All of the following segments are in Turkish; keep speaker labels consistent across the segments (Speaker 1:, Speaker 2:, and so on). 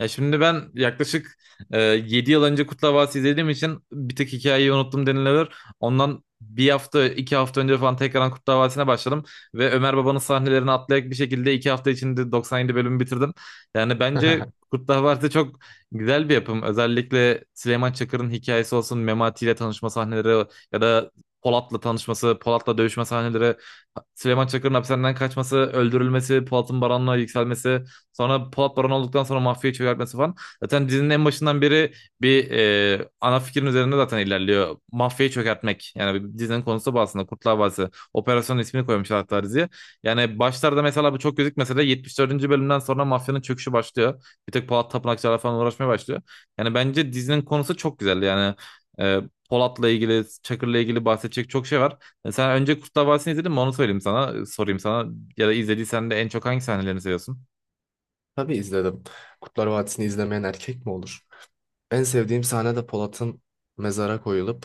Speaker 1: Ya şimdi ben yaklaşık 7 yıl önce Kurtlar Vadisi izlediğim için bir tek hikayeyi unuttum denilebilir. Ondan bir hafta, iki hafta önce falan tekrardan Kurtlar Vadisi'ne başladım. Ve Ömer Baba'nın sahnelerini atlayarak bir şekilde iki hafta içinde 97 bölümü bitirdim. Yani bence Kurtlar Vadisi çok güzel bir yapım. Özellikle Süleyman Çakır'ın hikayesi olsun, Memati ile tanışma sahneleri ya da Polat'la tanışması, Polat'la dövüşme sahneleri, Süleyman Çakır'ın hapishaneden kaçması, öldürülmesi, Polat'ın Baran'la yükselmesi. Sonra Polat Baron olduktan sonra mafyayı çökertmesi falan. Zaten dizinin en başından beri bir ana fikrin üzerinde zaten ilerliyor. Mafyayı çökertmek. Yani dizinin konusu bu aslında. Kurtlar Vadisi. Operasyonun ismini koymuşlar hatta diziye. Yani başlarda mesela bu çok gözükmese de 74. bölümden sonra mafyanın çöküşü başlıyor. Bir tek Polat Tapınakçılarla falan uğraşmaya başlıyor. Yani bence dizinin konusu çok güzel. Yani e, Polat'la ilgili, Çakır'la ilgili bahsedecek çok şey var. Sen önce Kurtlar Vadisi'ni izledin mi? Onu söyleyeyim sana, sorayım sana. Ya da izlediysen de en çok hangi sahnelerini seviyorsun?
Speaker 2: Tabii izledim. Kurtlar Vadisi'ni izlemeyen erkek mi olur? En sevdiğim sahne de Polat'ın mezara koyulup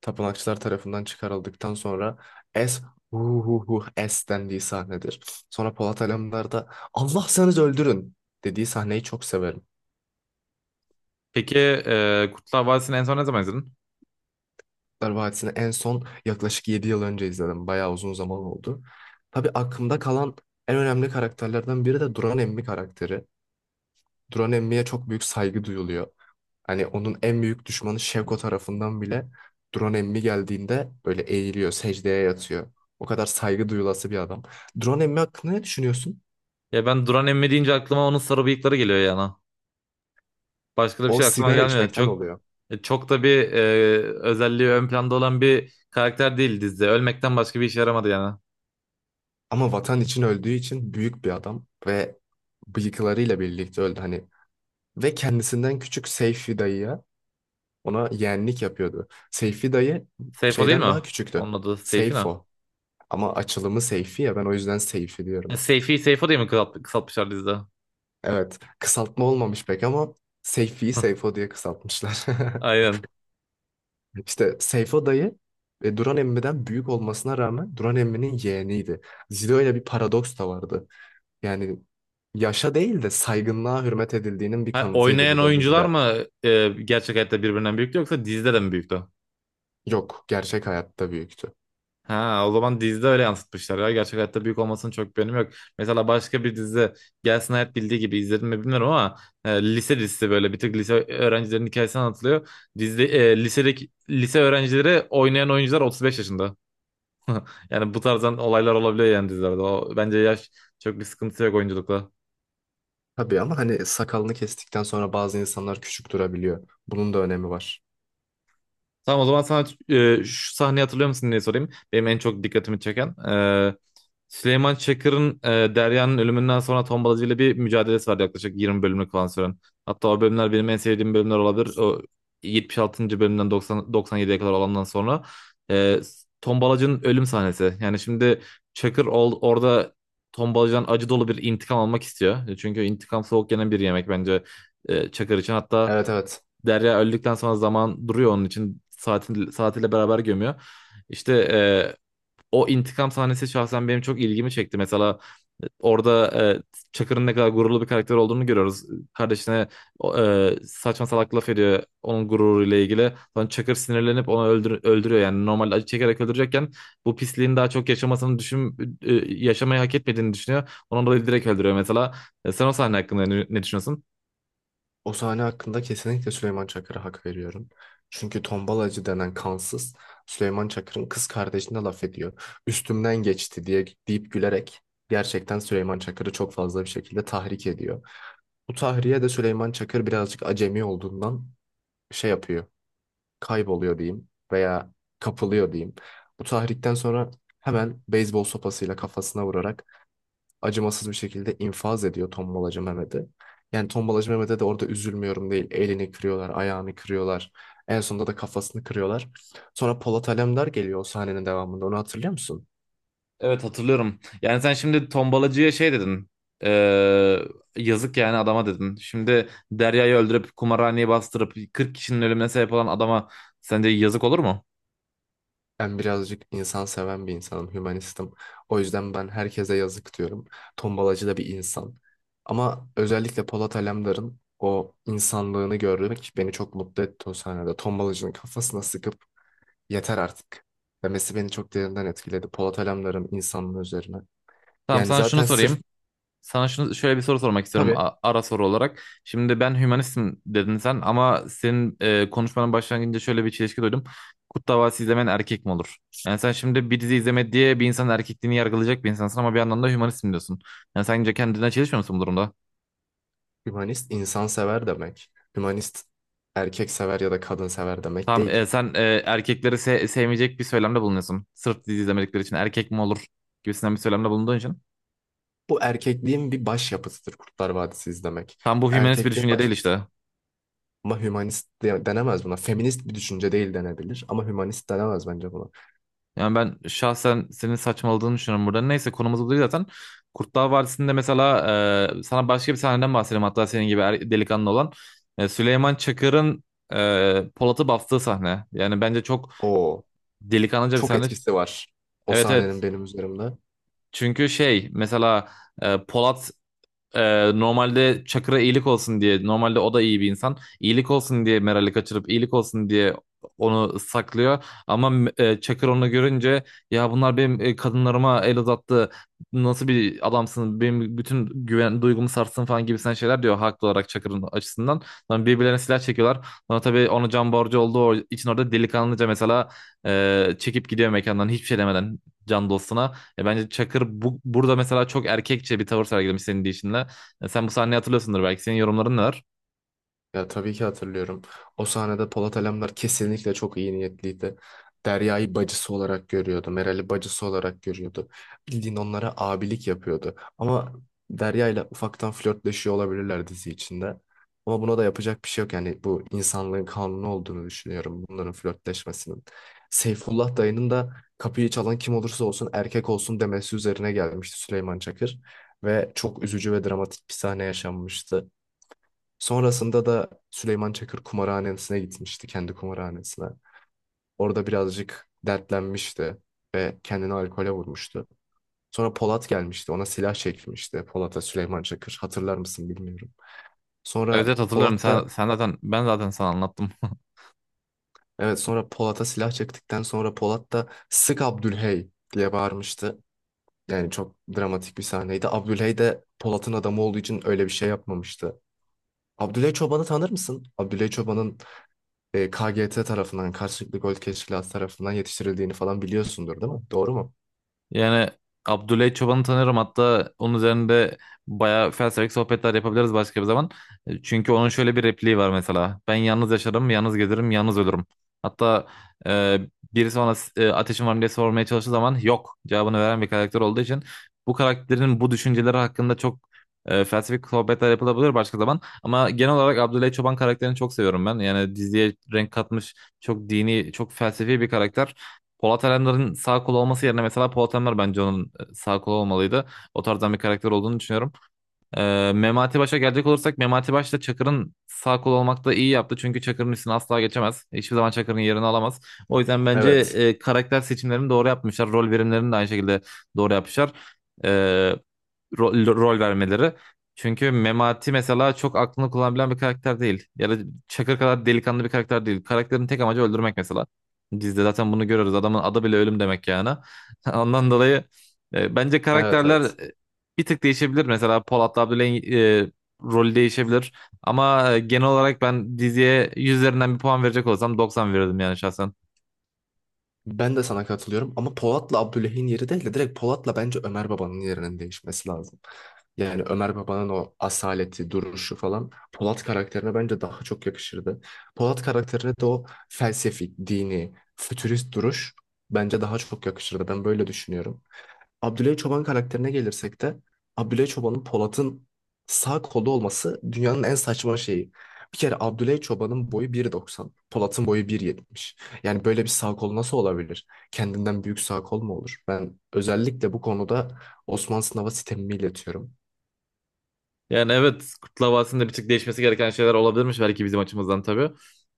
Speaker 2: tapınakçılar tarafından çıkarıldıktan sonra es hu hu hu es dendiği sahnedir. Sonra Polat Alemdar da Allah sanız öldürün dediği sahneyi çok severim.
Speaker 1: Peki Kurtlar Vadisi'ni en son ne zaman izledin?
Speaker 2: Kurtlar Vadisi'ni en son yaklaşık 7 yıl önce izledim. Bayağı uzun zaman oldu. Tabii aklımda kalan en önemli karakterlerden biri de Duran Emmi karakteri. Duran Emmi'ye çok büyük saygı duyuluyor. Hani onun en büyük düşmanı Şevko tarafından bile Duran Emmi geldiğinde böyle eğiliyor, secdeye yatıyor. O kadar saygı duyulası bir adam. Duran Emmi hakkında ne düşünüyorsun?
Speaker 1: Ya ben Duran Emmi deyince aklıma onun sarı bıyıkları geliyor yana. Başka da bir
Speaker 2: O
Speaker 1: şey aklıma
Speaker 2: sigara
Speaker 1: gelmiyor.
Speaker 2: içmekten
Speaker 1: Çok
Speaker 2: oluyor.
Speaker 1: çok da bir özelliği ön planda olan bir karakter değil dizide. Ölmekten başka bir işe yaramadı yani.
Speaker 2: Ama vatan için öldüğü için büyük bir adam ve bıyıklarıyla birlikte öldü hani. Ve kendisinden küçük Seyfi dayıya ona yeğenlik yapıyordu. Seyfi dayı
Speaker 1: Seyfo değil mi
Speaker 2: şeyden daha
Speaker 1: o?
Speaker 2: küçüktü.
Speaker 1: Onun adı Seyfi ne?
Speaker 2: Seyfo. Ama açılımı Seyfi ya, ben o yüzden Seyfi diyorum.
Speaker 1: Seyfi, Seyfo diye mi kısaltmışlar dizide?
Speaker 2: Evet, kısaltma olmamış pek ama Seyfi'yi Seyfo diye kısaltmışlar.
Speaker 1: Aynen.
Speaker 2: İşte Seyfo dayı Duran Emmi'den büyük olmasına rağmen Duran Emmi'nin yeğeniydi. Dizide öyle bir paradoks da vardı. Yani yaşa değil de saygınlığa hürmet edildiğinin bir
Speaker 1: Ha,
Speaker 2: kanıtıydı
Speaker 1: oynayan
Speaker 2: bu da
Speaker 1: oyuncular
Speaker 2: dizide.
Speaker 1: mı gerçek hayatta birbirinden büyüktü yoksa dizide de mi büyüktü?
Speaker 2: Yok, gerçek hayatta büyüktü.
Speaker 1: Ha, o zaman dizide öyle yansıtmışlar ya. Gerçek hayatta büyük olmasının çok bir önemi yok. Mesela başka bir dizi Gelsin Hayat bildiği gibi izledim mi bilmiyorum ama lise dizisi böyle bir tık lise öğrencilerin hikayesi anlatılıyor. Dizide lisedeki lise öğrencileri oynayan oyuncular 35 yaşında. Yani bu tarzdan olaylar olabiliyor yani dizilerde. O, bence yaş çok bir sıkıntı yok oyunculukla.
Speaker 2: Tabii ama hani sakalını kestikten sonra bazı insanlar küçük durabiliyor. Bunun da önemi var.
Speaker 1: Tamam o zaman sana şu sahneyi hatırlıyor musun diye sorayım. Benim en çok dikkatimi çeken. Süleyman Çakır'ın Derya'nın ölümünden sonra Tombalacı ile bir mücadelesi var yaklaşık 20 bölümlük falan süren. Hatta o bölümler benim en sevdiğim bölümler olabilir. O 76. bölümden 90, 97'ye kadar olandan sonra. E, Tombalacı'nın ölüm sahnesi. Yani şimdi Çakır orada Tombalacı'dan acı dolu bir intikam almak istiyor. Çünkü intikam soğuk yenen bir yemek bence Çakır için. Hatta
Speaker 2: Evet, evet.
Speaker 1: Derya öldükten sonra zaman duruyor onun için. Saatiyle beraber gömüyor. İşte o intikam sahnesi şahsen benim çok ilgimi çekti. Mesela orada Çakır'ın ne kadar gururlu bir karakter olduğunu görüyoruz. Kardeşine saçma salak laf ediyor onun gururuyla ilgili. Sonra Çakır sinirlenip onu öldürüyor. Yani normal acı çekerek öldürecekken bu pisliğin daha çok yaşamasını yaşamayı hak etmediğini düşünüyor. Ondan dolayı direkt öldürüyor mesela. Sen o sahne hakkında ne düşünüyorsun?
Speaker 2: O sahne hakkında kesinlikle Süleyman Çakır'a hak veriyorum. Çünkü tombalacı denen kansız Süleyman Çakır'ın kız kardeşine laf ediyor. Üstümden geçti diye deyip gülerek gerçekten Süleyman Çakır'ı çok fazla bir şekilde tahrik ediyor. Bu tahriye de Süleyman Çakır birazcık acemi olduğundan şey yapıyor. Kayboluyor diyeyim veya kapılıyor diyeyim. Bu tahrikten sonra hemen beyzbol sopasıyla kafasına vurarak acımasız bir şekilde infaz ediyor tombalacı Mehmet'i. Yani tombalacı Mehmet'e de orada üzülmüyorum değil. Elini kırıyorlar, ayağını kırıyorlar. En sonunda da kafasını kırıyorlar. Sonra Polat Alemdar geliyor o sahnenin devamında. Onu hatırlıyor musun?
Speaker 1: Evet, hatırlıyorum. Yani sen şimdi tombalacıya şey dedin. Ee, yazık yani adama dedin. Şimdi Derya'yı öldürüp kumarhaneyi bastırıp 40 kişinin ölümüne sebep olan adama sence yazık olur mu?
Speaker 2: Ben birazcık insan seven bir insanım, hümanistim. O yüzden ben herkese yazık diyorum. Tombalacı da bir insan. Ama özellikle Polat Alemdar'ın o insanlığını görmek beni çok mutlu etti o sahnede. Tombalacının kafasına sıkıp yeter artık demesi beni çok derinden etkiledi. Polat Alemdar'ın insanlığı üzerine.
Speaker 1: Tamam
Speaker 2: Yani
Speaker 1: sana şunu
Speaker 2: zaten sırf,
Speaker 1: sorayım. Sana şunu şöyle bir soru sormak istiyorum
Speaker 2: tabii,
Speaker 1: ara soru olarak. Şimdi ben hümanistim dedin sen ama senin konuşmanın başlangıcında şöyle bir çelişki duydum. Kurt Davası izlemen erkek mi olur? Yani sen şimdi bir dizi izleme diye bir insanın erkekliğini yargılayacak bir insansın ama bir yandan da hümanistim diyorsun. Yani sence kendine çelişmiyor musun bu durumda?
Speaker 2: hümanist insansever demek. Hümanist erkek sever ya da kadın sever demek
Speaker 1: Tamam
Speaker 2: değil.
Speaker 1: sen erkekleri sevmeyecek bir söylemde bulunuyorsun. Sırf dizi izlemedikleri için erkek mi olur gibisinden bir söylemde bulunduğun için.
Speaker 2: Bu erkekliğin bir başyapıtıdır Kurtlar Vadisi izlemek.
Speaker 1: Tam bu hümanist bir
Speaker 2: Erkekliğin
Speaker 1: düşünce değil
Speaker 2: başyapıtı.
Speaker 1: işte.
Speaker 2: Ama hümanist denemez buna. Feminist bir düşünce değil denebilir ama hümanist denemez bence buna.
Speaker 1: Yani ben şahsen senin saçmaladığını düşünüyorum burada. Neyse konumuz bu değil zaten. Kurtlar Vadisi'nde mesela sana başka bir sahneden bahsedeyim hatta senin gibi delikanlı olan. Süleyman Çakır'ın Polat'ı bastığı sahne. Yani bence çok
Speaker 2: O,
Speaker 1: delikanlıca bir
Speaker 2: çok
Speaker 1: sahne.
Speaker 2: etkisi var o
Speaker 1: Evet,
Speaker 2: sahnenin
Speaker 1: evet.
Speaker 2: benim üzerimde.
Speaker 1: Çünkü şey mesela Polat normalde Çakır'a iyilik olsun diye, normalde o da iyi bir insan, iyilik olsun diye Meral'i kaçırıp iyilik olsun diye onu saklıyor ama Çakır onu görünce ya bunlar benim kadınlarıma el uzattı, nasıl bir adamsın, benim bütün güven duygumu sarstın falan gibisinden şeyler diyor haklı olarak Çakır'ın açısından. Sonra birbirlerine silah çekiyorlar, sonra tabii ona can borcu olduğu için orada delikanlıca mesela çekip gidiyor mekandan hiçbir şey demeden can dostuna. Bence Çakır burada mesela çok erkekçe bir tavır sergilemiş senin deyişinle. Sen bu sahneyi hatırlıyorsundur belki. Senin yorumların ne var?
Speaker 2: Ya tabii ki hatırlıyorum. O sahnede Polat Alemdar kesinlikle çok iyi niyetliydi. Derya'yı bacısı olarak görüyordu. Meral'i bacısı olarak görüyordu. Bildiğin onlara abilik yapıyordu. Ama Derya ile ufaktan flörtleşiyor olabilirler dizi içinde. Ama buna da yapacak bir şey yok. Yani bu insanlığın kanunu olduğunu düşünüyorum bunların flörtleşmesinin. Seyfullah dayının da kapıyı çalan kim olursa olsun erkek olsun demesi üzerine gelmişti Süleyman Çakır. Ve çok üzücü ve dramatik bir sahne yaşanmıştı. Sonrasında da Süleyman Çakır kumarhanesine gitmişti, kendi kumarhanesine. Orada birazcık dertlenmişti ve kendini alkole vurmuştu. Sonra Polat gelmişti, ona silah çekmişti. Polat'a Süleyman Çakır, hatırlar mısın bilmiyorum.
Speaker 1: Evet,
Speaker 2: Sonra
Speaker 1: evet, hatırlıyorum.
Speaker 2: Polat
Speaker 1: Sen,
Speaker 2: da,
Speaker 1: sen zaten ben zaten sana anlattım.
Speaker 2: evet, sonra Polat'a silah çektikten sonra Polat da sık Abdülhey diye bağırmıştı. Yani çok dramatik bir sahneydi. Abdülhey de Polat'ın adamı olduğu için öyle bir şey yapmamıştı. Abdülhey Çoban'ı tanır mısın? Abdülhey Çoban'ın KGT tarafından, karşılıklı gol teşkilatı tarafından yetiştirildiğini falan biliyorsundur değil mi? Doğru mu?
Speaker 1: Yani Abdüley Çoban'ı tanıyorum. Hatta onun üzerinde bayağı felsefik sohbetler yapabiliriz başka bir zaman. Çünkü onun şöyle bir repliği var mesela. Ben yalnız yaşarım, yalnız gezerim, yalnız ölürüm. Hatta e, birisi bana ateşin var mı diye sormaya çalıştığı zaman yok cevabını veren bir karakter olduğu için bu karakterin bu düşünceleri hakkında çok felsefik sohbetler yapılabilir başka zaman. Ama genel olarak Abdüley Çoban karakterini çok seviyorum ben. Yani diziye renk katmış çok dini, çok felsefi bir karakter. Polat Alemdar'ın sağ kolu olması yerine mesela Polat Alemdar bence onun sağ kolu olmalıydı. O tarzdan bir karakter olduğunu düşünüyorum. Memati Baş'a gelecek olursak Memati Baş da Çakır'ın sağ kolu olmakta iyi yaptı. Çünkü Çakır'ın üstüne asla geçemez. Hiçbir zaman Çakır'ın yerini alamaz. O yüzden bence
Speaker 2: Evet.
Speaker 1: karakter seçimlerini doğru yapmışlar. Rol verimlerini de aynı şekilde doğru yapmışlar. E, rol vermeleri. Çünkü Memati mesela çok aklını kullanabilen bir karakter değil. Ya da Çakır kadar delikanlı bir karakter değil. Karakterin tek amacı öldürmek mesela. Dizide zaten bunu görüyoruz. Adamın adı bile ölüm demek yani. Ondan dolayı bence
Speaker 2: Evet,
Speaker 1: karakterler
Speaker 2: evet.
Speaker 1: bir tık değişebilir. Mesela Polat Abdüley'in rolü değişebilir. Ama genel olarak ben diziye 100 üzerinden bir puan verecek olsam 90 verirdim yani şahsen.
Speaker 2: Ben de sana katılıyorum ama Polat'la Abdüley'in yeri değil de direkt Polat'la bence Ömer Baba'nın yerinin değişmesi lazım. Yani Ömer Baba'nın o asaleti, duruşu falan Polat karakterine bence daha çok yakışırdı. Polat karakterine de o felsefik, dini, fütürist duruş bence daha çok yakışırdı. Ben böyle düşünüyorum. Abdülay Çoban karakterine gelirsek de Abdülay Çoban'ın Polat'ın sağ kolu olması dünyanın en saçma şeyi. Bir kere Abdülay Çoban'ın boyu 1.90, Polat'ın boyu 1.70. Yani böyle bir sağ kol nasıl olabilir? Kendinden büyük sağ kol mu olur? Ben özellikle bu konuda Osman Sınav'a sitemimi iletiyorum.
Speaker 1: Yani evet, Kurtlar Vadisi'nde bir tık değişmesi gereken şeyler olabilirmiş belki bizim açımızdan tabii.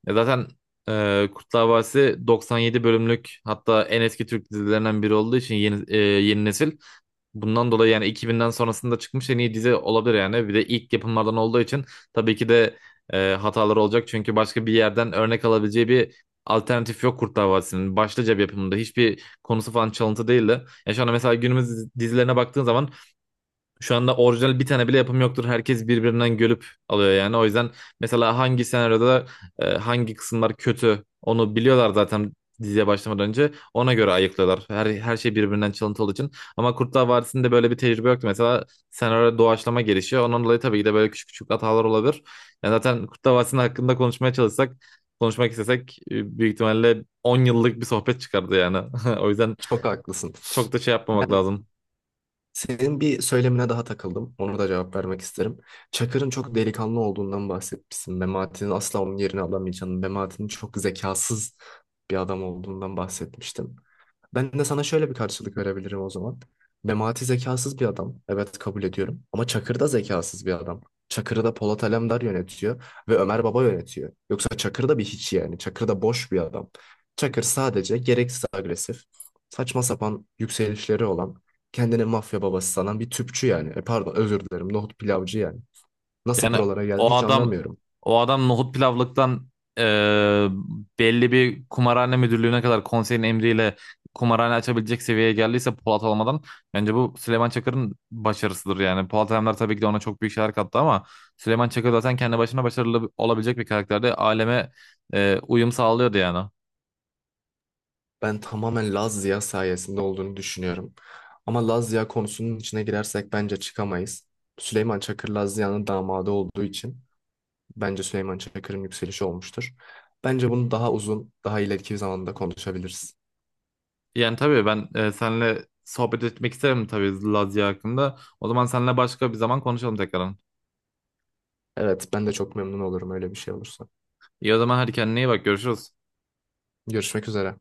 Speaker 1: Zaten Kurtlar Vadisi 97 bölümlük hatta en eski Türk dizilerinden biri olduğu için yeni nesil. Bundan dolayı yani 2000'den sonrasında çıkmış en iyi dizi olabilir yani. Bir de ilk yapımlardan olduğu için tabii ki de hataları olacak. Çünkü başka bir yerden örnek alabileceği bir alternatif yok Kurtlar Vadisi'nin. Başlıca bir yapımında hiçbir konusu falan çalıntı değildi. Ya şu anda mesela günümüz dizilerine baktığın zaman şu anda orijinal bir tane bile yapım yoktur. Herkes birbirinden görüp alıyor yani. O yüzden mesela hangi senaryoda hangi kısımlar kötü onu biliyorlar zaten diziye başlamadan önce. Ona göre ayıklıyorlar. Her şey birbirinden çalıntı olduğu için. Ama Kurtlar Vadisi'nde böyle bir tecrübe yoktu. Mesela senaryo doğaçlama gelişiyor. Ondan dolayı tabii ki de böyle küçük küçük hatalar olabilir. Yani zaten Kurtlar Vadisi'nin hakkında konuşmaya çalışsak, konuşmak istesek büyük ihtimalle 10 yıllık bir sohbet çıkardı yani. O yüzden
Speaker 2: Çok haklısın.
Speaker 1: çok da şey yapmamak lazım.
Speaker 2: Senin bir söylemine daha takıldım. Onu da cevap vermek isterim. Çakır'ın çok delikanlı olduğundan bahsetmişsin. Memati'nin asla onun yerini alamayacağını, Memati'nin çok zekasız bir adam olduğundan bahsetmiştim. Ben de sana şöyle bir karşılık verebilirim o zaman. Memati zekasız bir adam. Evet, kabul ediyorum. Ama Çakır da zekasız bir adam. Çakır'ı da Polat Alemdar yönetiyor ve Ömer Baba yönetiyor. Yoksa Çakır da bir hiç yani. Çakır da boş bir adam. Çakır sadece gereksiz agresif, saçma sapan yükselişleri olan kendine mafya babası sanan bir tüpçü yani. Pardon, özür dilerim, nohut pilavcı yani. Nasıl
Speaker 1: Yani
Speaker 2: buralara geldi
Speaker 1: o
Speaker 2: hiç
Speaker 1: adam
Speaker 2: anlamıyorum.
Speaker 1: o adam nohut pilavlıktan e, belli bir kumarhane müdürlüğüne kadar konseyin emriyle kumarhane açabilecek seviyeye geldiyse Polat olmadan bence bu Süleyman Çakır'ın başarısıdır yani. Polat Alemdar tabii ki de ona çok büyük şeyler kattı ama Süleyman Çakır zaten kendi başına başarılı olabilecek bir karakterdi, aleme uyum sağlıyordu yani.
Speaker 2: Ben tamamen Laz Ziya sayesinde olduğunu düşünüyorum. Ama Laz Ziya konusunun içine girersek bence çıkamayız. Süleyman Çakır Laz Ziya'nın damadı olduğu için bence Süleyman Çakır'ın yükselişi olmuştur. Bence bunu daha uzun, daha ileriki bir zamanda konuşabiliriz.
Speaker 1: Yani tabii ben seninle sohbet etmek isterim tabii Lazia hakkında. O zaman seninle başka bir zaman konuşalım tekrardan.
Speaker 2: Evet, ben de çok memnun olurum öyle bir şey olursa.
Speaker 1: İyi o zaman, hadi kendine iyi bak, görüşürüz.
Speaker 2: Görüşmek üzere.